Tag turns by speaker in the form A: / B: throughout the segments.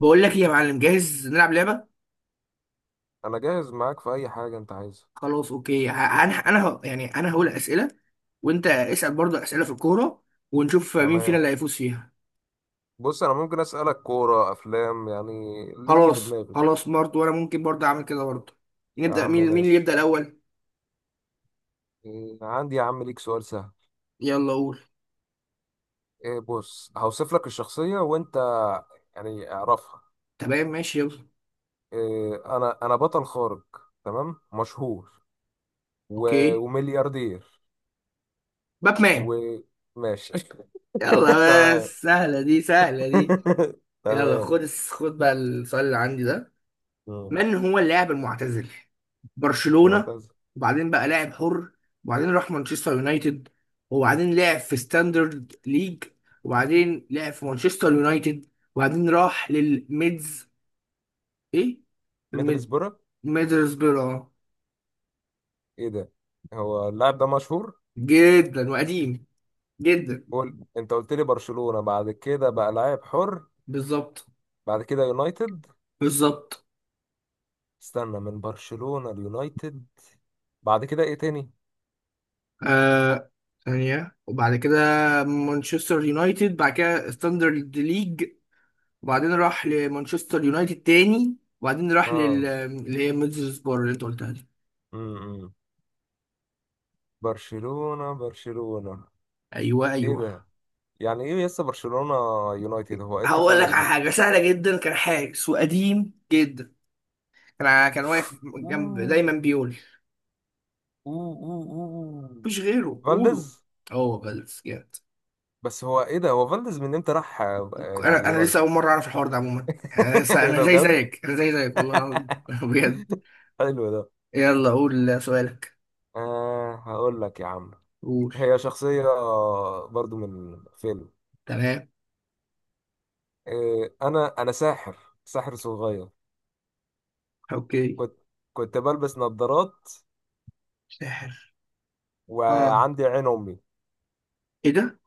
A: بقول لك ايه يا معلم، جاهز نلعب لعبه؟
B: انا جاهز معاك في اي حاجه انت عايزها.
A: خلاص، اوكي. انا يعني انا هقول اسئله، وانت اسال برضه اسئله في الكوره، ونشوف مين فينا
B: تمام.
A: اللي هيفوز فيها.
B: بص، انا ممكن اسالك كوره، افلام، يعني اللي يجي في
A: خلاص
B: دماغي.
A: خلاص، برضه وانا ممكن برضه اعمل كده برضه.
B: يا
A: نبدا،
B: عم
A: مين اللي يبدا
B: ماشي.
A: الاول؟
B: إيه، عندي يا عم ليك سؤال سهل.
A: يلا قول.
B: إيه، بص هوصف لك الشخصيه وانت يعني اعرفها.
A: تمام ماشي يلا.
B: إيه، انا بطل خارق، تمام؟ مشهور و
A: اوكي.
B: وملياردير.
A: باتمان.
B: وماشي.
A: يلا،
B: تمام.
A: بس سهله دي، سهله دي. يلا
B: تمام.
A: خد بقى السؤال اللي عندي ده.
B: مم.
A: من هو اللاعب المعتزل برشلونة،
B: معتز.
A: وبعدين بقى لاعب حر، وبعدين راح مانشستر يونايتد، وبعدين لعب في ستاندرد ليج، وبعدين لعب في مانشستر يونايتد، وبعدين راح للميدز؟ ايه الميد
B: ميدلسبرة.
A: ميدلسبرا آه.
B: ايه ده، هو اللاعب ده مشهور؟
A: جدا وقديم جدا.
B: قول، انت قلت لي برشلونة، بعد كده بقى لاعب حر.
A: بالظبط.
B: بعد كده يونايتد.
A: بالظبط.
B: استنى، من برشلونة ليونايتد، بعد كده ايه تاني؟
A: آه، ثانية وبعد كده مانشستر يونايتد، بعد كده ستاندرد ليج، وبعدين راح لمانشستر يونايتد تاني، وبعدين راح
B: اه.
A: اللي هي ميدلسبرا اللي انت قلتها دي.
B: امم. برشلونة؟ برشلونة؟
A: ايوه
B: ايه
A: ايوه.
B: ده، يعني ايه لسه برشلونة يونايتد، هو ايه
A: هقول لك
B: التخلف
A: على
B: ده؟
A: حاجه سهله جدا، كان حارس وقديم جدا، كان واقف جنب دايما
B: أوه.
A: بيقول،
B: أوه. أوه. أوه.
A: مفيش غيره قوله.
B: فالديز.
A: هو بلف جامد.
B: بس هو ايه ده، هو فالديز من امتى راح
A: انا لسه
B: اليونايتد؟
A: اول مره اعرف الحوار ده عموما. انا لسه
B: ايه
A: انا
B: ده
A: زي
B: بجد.
A: زيك، انا زي زيك، والله العظيم. بجد.
B: حلو ده.
A: يلا قول سؤالك.
B: آه هقول لك يا عم.
A: قول.
B: هي شخصية برضو من فيلم.
A: تمام.
B: إيه، أنا ساحر، ساحر صغير.
A: اوكي.
B: كنت، كنت بلبس نظارات،
A: ساحر. اه،
B: وعندي عين أمي،
A: ايه ده؟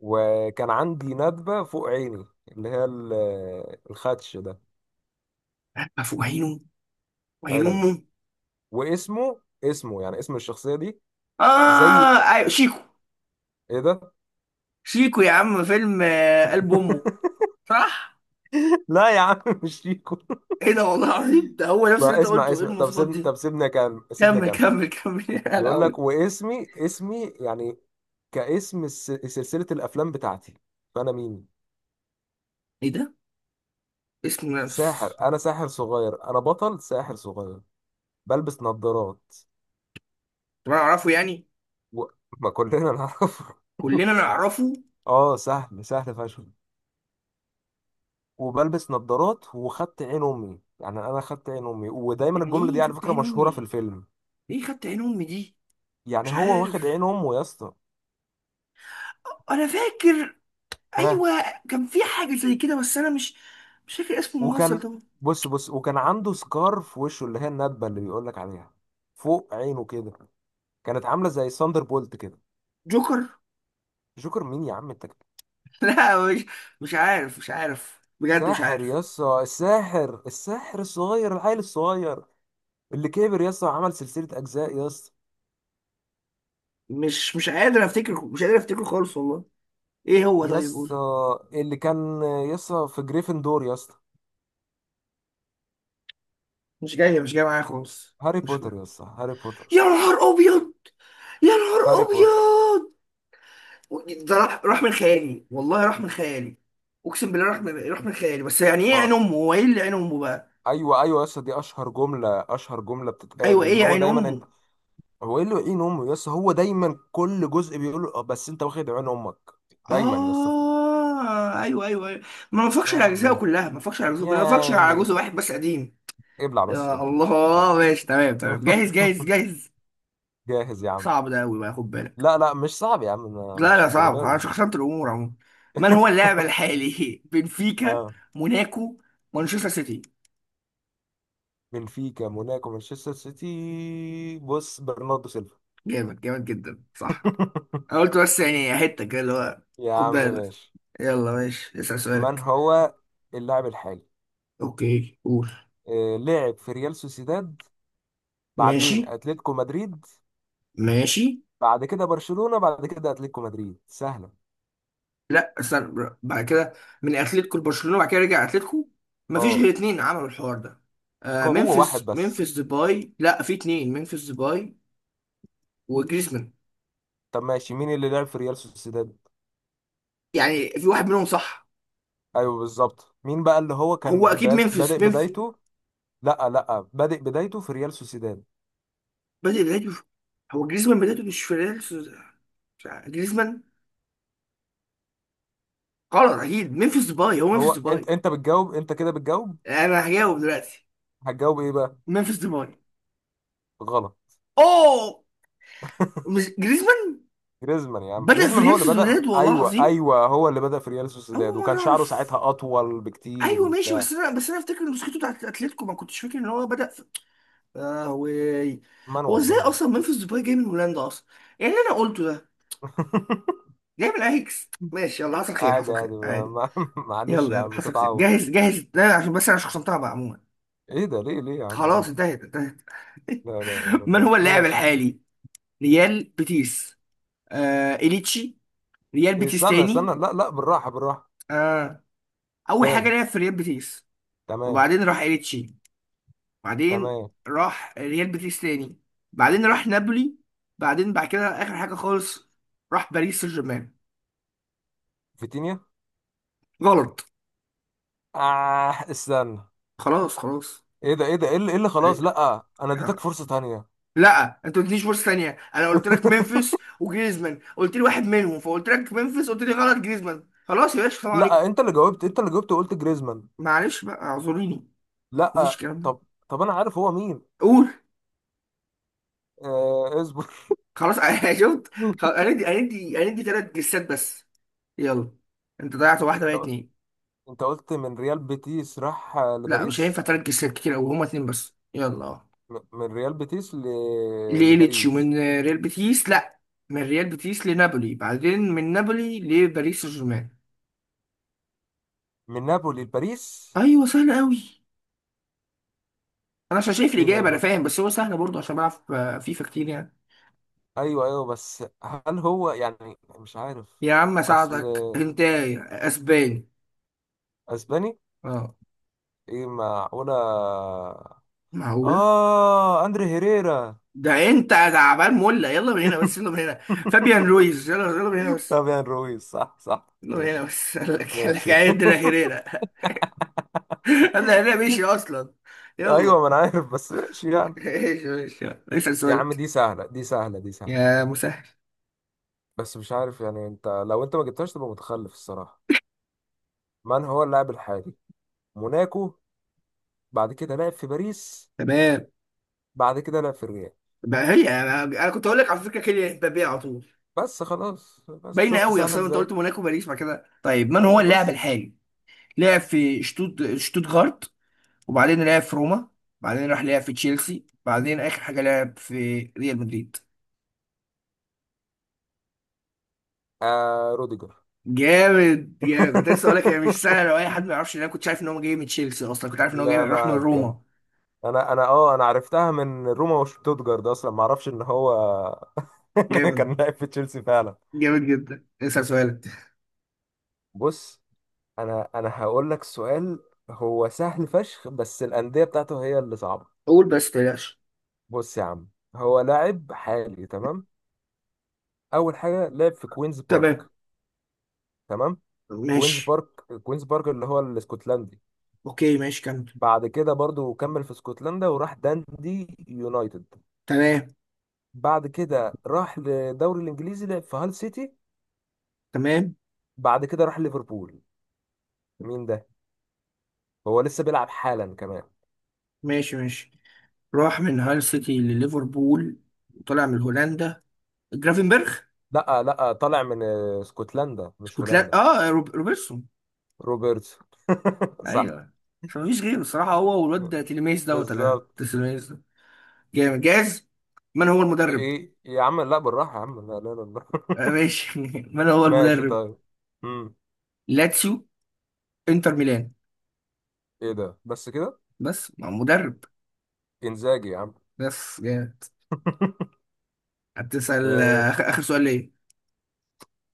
B: وكان عندي ندبة فوق عيني اللي هي الخدش ده.
A: افوق عينه، وعين
B: أيوه،
A: امه.
B: واسمه، اسمه يعني اسم الشخصية دي زي.
A: اه، ايوه، شيكو.
B: إيه ده؟
A: شيكو يا عم، فيلم قلب امه. صح.
B: لا يا عم، مش شيكو.
A: ايه ده، والله العظيم، ده هو نفس اللي
B: بقى
A: انت
B: اسمع
A: قلته، ايه
B: اسمع، طب
A: المواصفات
B: سيبني،
A: دي؟
B: طب سيبني أكمل، سيبني
A: كمل
B: أكمل.
A: كمل كمل، يا
B: بيقول لك،
A: لهوي.
B: واسمي، اسمي يعني كاسم سلسلة الافلام بتاعتي، فانا مين؟
A: ايه ده؟ اسم
B: ساحر،
A: نفس.
B: انا ساحر صغير، انا بطل ساحر صغير، بلبس نظارات
A: طب انا اعرفه يعني.
B: و ما كلنا نعرف.
A: كلنا نعرفه.
B: اه سهل، سهل فشخ، وبلبس نظارات وخدت عين امي، يعني انا خدت عين امي، ودايما
A: يعني
B: الجمله دي
A: ايه
B: على
A: خدت
B: فكره
A: عين
B: مشهوره في
A: امي؟
B: الفيلم.
A: ايه خدت عين امي دي؟
B: يعني
A: مش
B: هو واخد
A: عارف.
B: عين امه يا اسطى.
A: انا فاكر.
B: ها،
A: ايوه. كان في حاجه زي كده، بس انا مش فاكر اسم الممثل
B: وكان،
A: طبعا.
B: بص بص، وكان عنده سكار في وشه، اللي هي الندبه اللي بيقول لك عليها فوق عينه كده، كانت عامله زي ساندر بولت كده.
A: جوكر.
B: جوكر مين يا عم انت؟
A: لا، مش عارف، مش عارف بجد، مش
B: ساحر،
A: عارف.
B: يسا الساحر، الساحر الصغير، العيل الصغير اللي كبر يسا، عمل سلسله اجزاء يسا.
A: مش قادر افتكره، مش قادر افتكره خالص والله. ايه هو؟ طيب
B: يسا
A: قول.
B: اللي كان يسا في جريفندور يسا.
A: مش جاي، مش جاي معايا خالص.
B: هاري
A: مش جاي.
B: بوتر يسا، هاري بوتر.
A: يا نهار ابيض. يا نهار
B: هاري بوتر.
A: ابيض. ده راح من خيالي، والله راح من خيالي. اقسم بالله راح من خيالي، بس يعني ايه عين
B: ما
A: امه؟ هو ايه اللي عين امه بقى؟
B: ايوه ايوه، يسا دي اشهر جمله، اشهر جمله بتتقال،
A: ايوه،
B: اللي
A: ايه
B: هو
A: عين
B: دايما انت.
A: امه؟
B: هو ايه اللي عين امه يسا، هو دايما كل جزء بيقول له، "آه، بس انت واخد عين امك دايما يسا".
A: اه، ايوه ايوه ايوه. ما بفكش
B: يا
A: على اجزائه
B: عمي،
A: كلها، ما بفكش على اجزائه
B: يا
A: كلها، ما بفكش على
B: عمي،
A: جزء واحد بس قديم.
B: ابلع بس،
A: يا
B: ابلع.
A: الله ماشي، تمام تمام، جاهز جاهز جاهز.
B: جاهز يا عم.
A: صعب ده قوي بقى، خد بالك.
B: لا لا، مش صعب يا عم،
A: لا
B: مش
A: لا، صعب،
B: الدرجة
A: انا
B: دي.
A: شخصنت الامور عموما. من هو اللاعب الحالي؟ بنفيكا،
B: اه،
A: موناكو، مانشستر سيتي.
B: بنفيكا، موناكو، مانشستر سيتي، بص برناردو سيلفا.
A: جامد، جامد جدا. صح. أنا قلت بس يعني حتة كده اللي هو،
B: يا
A: خد
B: عم
A: بالك.
B: ماشي.
A: يلا ماشي، اسأل
B: من
A: سؤالك.
B: هو اللاعب الحالي؟
A: اوكي قول.
B: آه، لعب في ريال سوسيداد،
A: ماشي.
B: بعدين اتلتيكو مدريد،
A: ماشي.
B: بعد كده برشلونة، بعد كده اتلتيكو مدريد، سهلة.
A: لا استنى، بعد كده من اتلتيكو لبرشلونة، بعد كده رجع اتلتيكو. مفيش غير
B: اه،
A: اتنين عملوا الحوار ده. آه،
B: هو واحد
A: ممفيس
B: بس.
A: ممفيس ديباي. لا، في اتنين، ممفيس ديباي وجريزمان.
B: طب ماشي، مين اللي لعب في ريال سوسيداد؟
A: يعني في واحد منهم، صح؟
B: ايوه بالظبط، مين بقى اللي هو
A: هو
B: كان
A: اكيد ممفيس،
B: بادئ
A: ممفيس.
B: بدايته. لا لا، بادئ بدايته في ريال سوسيداد.
A: بدأ بدايته في- هو جريزمان بدايته مش في ريال سوس- جريزمان. غلط، اكيد ممفيس ديباي، هو
B: هو
A: ممفيس ديباي.
B: انت بتجاوب، انت كده بتجاوب.
A: انا هجاوب دلوقتي.
B: هتجاوب ايه بقى؟
A: منفس ديباي.
B: غلط.
A: اوه. مش جريزمان.
B: جريزمان يا عم،
A: بدأ في
B: جريزمان هو
A: ريال
B: اللي بدأ،
A: سوسيداد، والله
B: ايوه
A: العظيم،
B: ايوه هو اللي بدأ في ريال سوسيداد،
A: اول
B: وكان
A: مرة
B: شعره
A: اعرف.
B: ساعتها اطول بكتير
A: ايوه ماشي،
B: وبتاع.
A: بس انا افتكر ان مسكته بتاعت اتلتيكو، ما كنتش فاكر ان هو بدأ في. اه، وي. هو
B: منوب
A: ازاي
B: منوب.
A: اصلا منفس ديباي جاي من هولندا اصلا؟ يعني اللي انا قلته ده، جاي من اياكس. ماشي يلا، حصل خير،
B: عادي
A: حصل خير
B: عادي،
A: عادي.
B: معلش
A: يلا
B: يا
A: يلا،
B: عم،
A: حصل خير.
B: تتعود.
A: جاهز جاهز، لا عشان بس انا شخصنتها بقى عموما.
B: ايه ده، ليه ليه يا عم كده؟
A: خلاص، انتهت انتهت.
B: لا لا لا
A: من
B: لا،
A: هو اللاعب
B: ماشي.
A: الحالي؟ ريال بيتيس. آه، اليتشي. ريال
B: إيه،
A: بيتيس
B: استنى استنى،
A: تاني.
B: لا لا بالراحة، بالراحة.
A: آه، اول حاجه
B: تاني.
A: لعب في ريال بيتيس،
B: تمام.
A: وبعدين راح إيريتشي، بعدين
B: تمام.
A: راح ريال بيتيس تاني، بعدين راح نابولي، بعدين بعد كده اخر حاجه خالص راح باريس سان جيرمان.
B: فيتينيا.
A: غلط.
B: آه استنى.
A: خلاص خلاص.
B: ايه ده، ايه ده، إيه اللي خلاص، لا انا اديتك فرصة تانية.
A: لا، انت ما قلتليش فرصه ثانيه، انا قلت لك ممفيس وجريزمان، قلت لي واحد منهم، فقلت لك ممفيس، قلت لي غلط جريزمان. خلاص يا باشا، السلام عليكم.
B: لا انت اللي جاوبت، انت اللي جاوبت وقلت جريزمان.
A: معلش بقى، اعذريني. مفيش
B: لا
A: الكلام ده.
B: طب. طب انا عارف هو مين.
A: قول.
B: آه اصبر.
A: خلاص، انا شفت. خلاص، هندي هندي هندي، ثلاث جسات بس. يلا. انت ضيعت واحده بقى،
B: طب
A: اتنين.
B: انت قلت من ريال بيتيس راح
A: لا مش هينفع
B: لباريس.
A: تركز كتير قوي، هما اتنين بس، يلا.
B: من ريال بيتيس ل
A: لإيليتش
B: لباريس.
A: ومن ريال بيتيس، لا، من ريال بيتيس لنابولي، بعدين من نابولي لباريس سان جيرمان.
B: من نابولي لباريس.
A: ايوه، سهل قوي. انا عشان شايف
B: ايه ده
A: الاجابه انا
B: ب...
A: فاهم، بس هو سهل برضه عشان بلعب فيفا كتير يعني.
B: ايوه ايوه، بس هل هو يعني مش عارف.
A: يا عم
B: اصل.
A: اساعدك انت، اسباني.
B: اسباني.
A: اه.
B: ايه معقولة.
A: معقوله.
B: اه، اندري هيريرا.
A: ده انت تعبان مولع، يلا من هنا بس، يلا من هنا. فابيان رويز، يلا يلا من هنا بس.
B: فابيان رويز، صح صح.
A: يلا من هنا
B: ماشي.
A: بس. قال لك، قال لك
B: ماشي.
A: عندنا هيريرا. هذا هيريرا مشي اصلا.
B: ايوه،
A: يلا.
B: ما انا عارف بس ماشي يعني.
A: ايش ايش. اسال
B: يا عم
A: سؤالك.
B: دي سهله، دي سهله، دي سهله.
A: يا مسهل.
B: بس مش عارف يعني، انت لو انت ما جبتهاش تبقى متخلف الصراحه. من هو اللاعب الحالي؟ موناكو، بعد كده لعب في باريس،
A: تمام.
B: بعد كده لعب في الريال.
A: بقى هي انا كنت اقول لك على فكره كيليان امبابي على طول.
B: بس خلاص، بس
A: باينه
B: شفت
A: قوي
B: سهله
A: اصلا، انت
B: ازاي.
A: قلت موناكو باريس بعد كده. طيب، من هو
B: ايوه
A: اللاعب
B: بس.
A: الحالي؟ لعب في شتوتغارت، وبعدين لعب في روما، بعدين راح لعب في تشيلسي، بعدين اخر حاجه لعب في ريال مدريد.
B: آه روديجر.
A: جامد، يا كنت لسه اقول لك هي مش سهله، لو اي حد ما يعرفش إن انا كنت عارف ان هو جاي من تشيلسي، اصلا كنت عارف ان هو جاي
B: لا
A: راح من
B: لا، كان.
A: روما.
B: انا اه، انا عرفتها من روما وشتوتجارد، اصلا ما اعرفش ان هو كان
A: جامد،
B: لاعب في تشيلسي فعلا.
A: جامد جدا. اسال سؤالك.
B: بص، انا هقول لك سؤال، هو سهل فشخ بس الانديه بتاعته هي اللي صعبه.
A: قول بس تلاش.
B: بص يا عم، هو لاعب حالي، تمام؟ اول حاجه لعب في كوينز
A: تمام.
B: بارك. تمام. كوينز
A: ماشي.
B: بارك، كوينز بارك اللي هو الاسكتلندي.
A: اوكي ماشي كمل.
B: بعد كده برضو كمل في اسكتلندا وراح داندي يونايتد.
A: تمام.
B: بعد كده راح للدوري الانجليزي، لعب في هال سيتي.
A: تمام
B: بعد كده راح ليفربول. مين ده؟ هو لسه بيلعب حالا كمان.
A: ماشي ماشي. راح من هال سيتي لليفربول، وطلع من هولندا، جرافنبرخ.
B: لا لا، طالع من اسكتلندا مش
A: اسكتلندا،
B: هولندا.
A: اه، روبرتسون.
B: روبرتسون. صح.
A: ايوه، عشان مفيش غيره الصراحه، هو والواد ده تيليميز دوت ولا
B: بالظبط.
A: تيليميز ده. جامد، جاهز. من هو المدرب؟
B: ايه يا عم، لا بالراحة يا عم، لا لا لا، بالراحة.
A: آه ماشي، من هو
B: ماشي
A: المدرب؟
B: طيب. امم.
A: لاتسيو، انتر ميلان.
B: ايه ده، بس كده؟
A: بس مع مدرب،
B: انزاجي يا عم.
A: بس جامد. هتسأل
B: ماشي.
A: آخر سؤال ليه.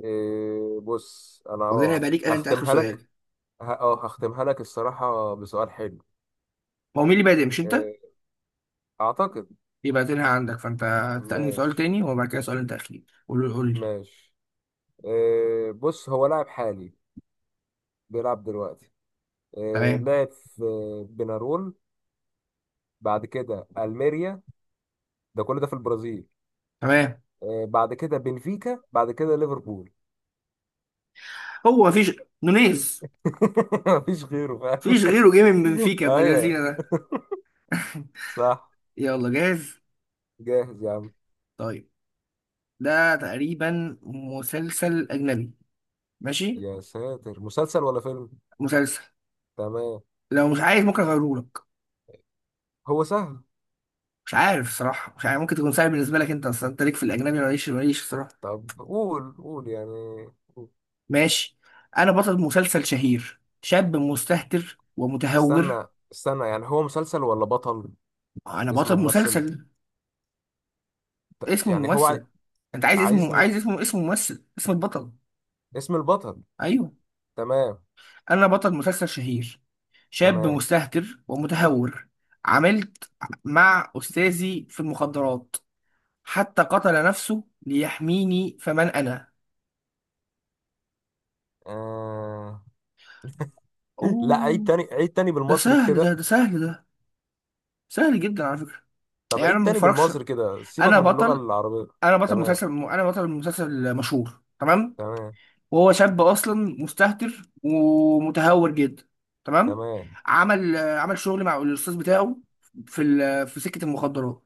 B: إيه بص، انا
A: وبعدين
B: اه
A: هيبقى ليك أنا، انت آخر
B: هختمها لك.
A: سؤال.
B: اه هختمها لك الصراحة بسؤال حلو.
A: هو مين اللي بادئ، مش انت؟
B: إيه. اعتقد.
A: يبقى تلها عندك، فانت هتسألني سؤال
B: ماشي.
A: تاني وبعد كده سؤال انت اخير، قول لي قول لي.
B: ماشي. إيه بص، هو لاعب حالي بيلعب دلوقتي. إيه،
A: تمام.
B: لعب في بنارول، بعد كده الميريا، ده كل ده في البرازيل.
A: تمام.
B: آه، بعد كده بنفيكا، بعد كده ليفربول.
A: هو مفيش، نونيز.
B: مفيش غيره فاهم.
A: مفيش غيره جه من بنفيكا، يا ابن اللذينه
B: ايوه.
A: ده.
B: صح.
A: يلا جاهز.
B: جاهز يا عم.
A: طيب، ده تقريبا مسلسل اجنبي. ماشي.
B: يا ساتر، مسلسل ولا فيلم؟
A: مسلسل.
B: تمام.
A: لو مش عايز ممكن اغيره لك.
B: هو سهل.
A: مش عارف صراحه، مش عارف، ممكن تكون سهل بالنسبه لك، انت اصلا انت ليك في الاجنبي ولا ماليش، ماليش صراحه.
B: طب قول، قول يعني. قول.
A: ماشي. انا بطل مسلسل شهير، شاب مستهتر ومتهور.
B: استنى استنى، يعني هو مسلسل ولا بطل؟
A: انا
B: اسم
A: بطل
B: ممثل،
A: مسلسل. اسم
B: يعني هو
A: الممثل؟ انت عايز اسمه،
B: عايزني
A: عايز اسمه، اسم ممثل، اسم البطل.
B: اسم البطل؟
A: ايوه.
B: تمام.
A: انا بطل مسلسل شهير، شاب
B: تمام.
A: مستهتر ومتهور. عملت مع استاذي في المخدرات، حتى قتل نفسه ليحميني، فمن انا؟
B: آه. لا، عيد
A: اوه.
B: تاني، عيد تاني
A: ده
B: بالمصري
A: سهل ده،
B: كده.
A: ده سهل ده. سهل جدا على فكرة.
B: طب
A: يعني انا
B: عيد
A: ما
B: تاني
A: بفرجش.
B: بالمصري كده، سيبك
A: انا
B: من اللغة
A: بطل،
B: العربية.
A: انا بطل
B: تمام.
A: مسلسل، انا بطل مسلسل مشهور، تمام.
B: تمام.
A: وهو شاب اصلا مستهتر ومتهور جدا، تمام.
B: تمام.
A: عمل شغل مع الاستاذ بتاعه في سكه المخدرات،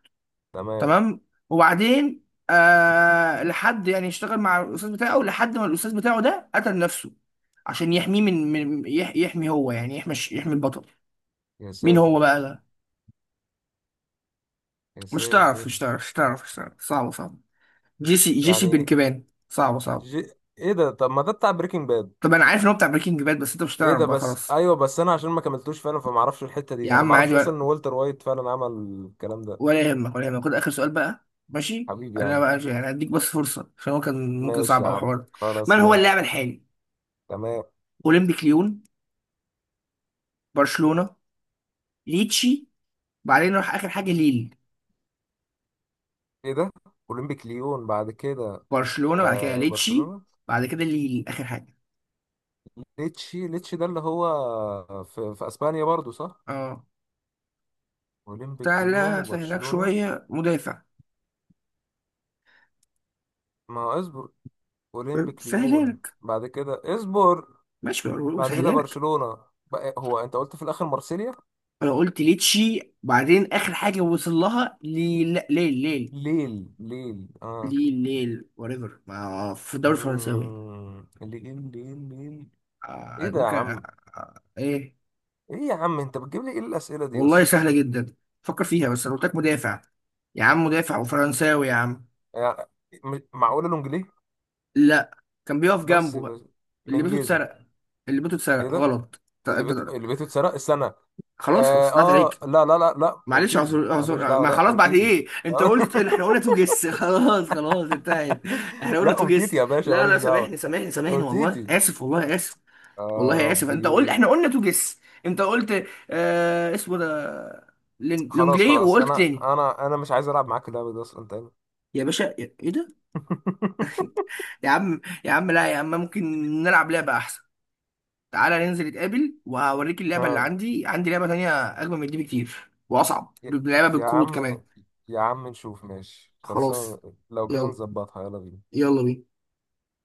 B: تمام.
A: تمام. وبعدين آه لحد يعني اشتغل مع الاستاذ بتاعه لحد ما الاستاذ بتاعه ده قتل نفسه، عشان يحميه من يحمي، هو يعني يحمي يحمي البطل.
B: يا
A: مين هو
B: ساتر.
A: بقى ده؟
B: يا
A: مش تعرف،
B: ساتر.
A: مش تعرف، مش تعرف، مش تعرف، صعبه صعبه. جيسي بن
B: يعني
A: كيبان، صعبه صعبه.
B: جي... ايه ده، طب ما ده بتاع بريكنج باد.
A: طب انا عارف ان هو بتاع بريكنج باد، بس انت مش
B: ايه
A: هتعرف
B: ده،
A: بقى،
B: بس
A: خلاص.
B: ايوه، بس انا عشان ما كملتوش فعلا فما اعرفش الحته
A: يا
B: دي، انا ما
A: عم عادي،
B: اعرفش اصلا ان والتر وايت فعلا عمل الكلام ده.
A: ولا يهمك، ولا يهمك، خد اخر سؤال بقى ماشي،
B: حبيبي يا
A: انا
B: عم.
A: بقى يعني هديك بس فرصه عشان هو كان ممكن
B: ماشي
A: صعب
B: يا
A: او
B: عم،
A: حوار.
B: خلاص
A: من هو اللاعب
B: ماشي.
A: الحالي؟
B: تمام.
A: اولمبيك ليون، برشلونه، ليتشي، بعدين نروح اخر حاجه ليل.
B: ايه ده، اولمبيك ليون بعد كده.
A: برشلونه، بعد كده
B: آه
A: ليتشي،
B: برشلونه.
A: بعد كده ليل اخر حاجه.
B: ليتشي، ليتشي ده اللي هو في، في اسبانيا برضو صح؟
A: اه،
B: اولمبيك ليون
A: سهله، سهلك
B: وبرشلونه.
A: شويه، مدافع.
B: ما هو اصبر. اولمبيك
A: سهلها
B: ليون
A: لك.
B: بعد كده، اصبر.
A: ماشي.
B: بعد كده
A: سهلها لك.
B: برشلونة. بقى هو انت قلت في الاخر مارسيليا؟
A: انا قلت ليتشي بعدين اخر حاجه وصل لها ليل. لا، ليل ليل.
B: ليل، ليل اه.
A: ليل ليل وريفر ما في الدوري الفرنساوي.
B: مم. ليل، ليل، ليل. ايه ده يا
A: ممكن.
B: عم.
A: ايه.
B: ايه يا عم، انت بتجيب لي ايه الاسئله دي يا
A: والله
B: اسطى؟
A: سهلة جدا، فكر فيها، بس انا قلت لك مدافع. يا عم مدافع وفرنساوي، يا عم.
B: يعني معقوله لونجليه؟
A: لا، كان بيقف
B: بس,
A: جنبه بقى،
B: بس
A: اللي
B: من
A: بيته
B: جيزه.
A: اتسرق. اللي بيته
B: ايه
A: اتسرق.
B: ده،
A: غلط انت.
B: اللي بيته اتسرق السنه.
A: خلاص خلاص، طلعت عليك.
B: لا لا لا لا،
A: معلش،
B: امتيتي
A: اعذر
B: ماليش
A: اعذر،
B: دعوه،
A: ما
B: لا
A: خلاص بعد
B: امتيتي.
A: ايه، انت قلت احنا قلنا تو جس. خلاص خلاص، انتهت. احنا قلنا
B: لا
A: تو
B: امتيتي
A: جس.
B: يا باشا،
A: لا
B: ماليش
A: لا،
B: دعوه.
A: سامحني سامحني سامحني، والله
B: امتيتي.
A: اسف، والله اسف،
B: يا
A: والله اسف، انت قلت
B: ربي.
A: احنا قلنا تو جس. انت قلت اسمه ده
B: خلاص
A: لونجلي،
B: خلاص،
A: وقلت
B: انا
A: تاني.
B: انا انا مش عايز العب معاك اللعبه دي اصلا تاني.
A: يا باشا، ايه ده؟ يا عم، يا عم، لا يا عم ممكن نلعب لعبة احسن. تعالى ننزل نتقابل وهوريك اللعبة اللي
B: اه.
A: عندي، عندي لعبة تانية اجمل من دي بكتير، واصعب
B: يا
A: لعبة
B: يا
A: بالكروت كمان.
B: عم، يا عم نشوف، ماشي خلاص.
A: خلاص.
B: لو كده
A: يلا.
B: نظبطها يلا بينا.
A: يلا بينا.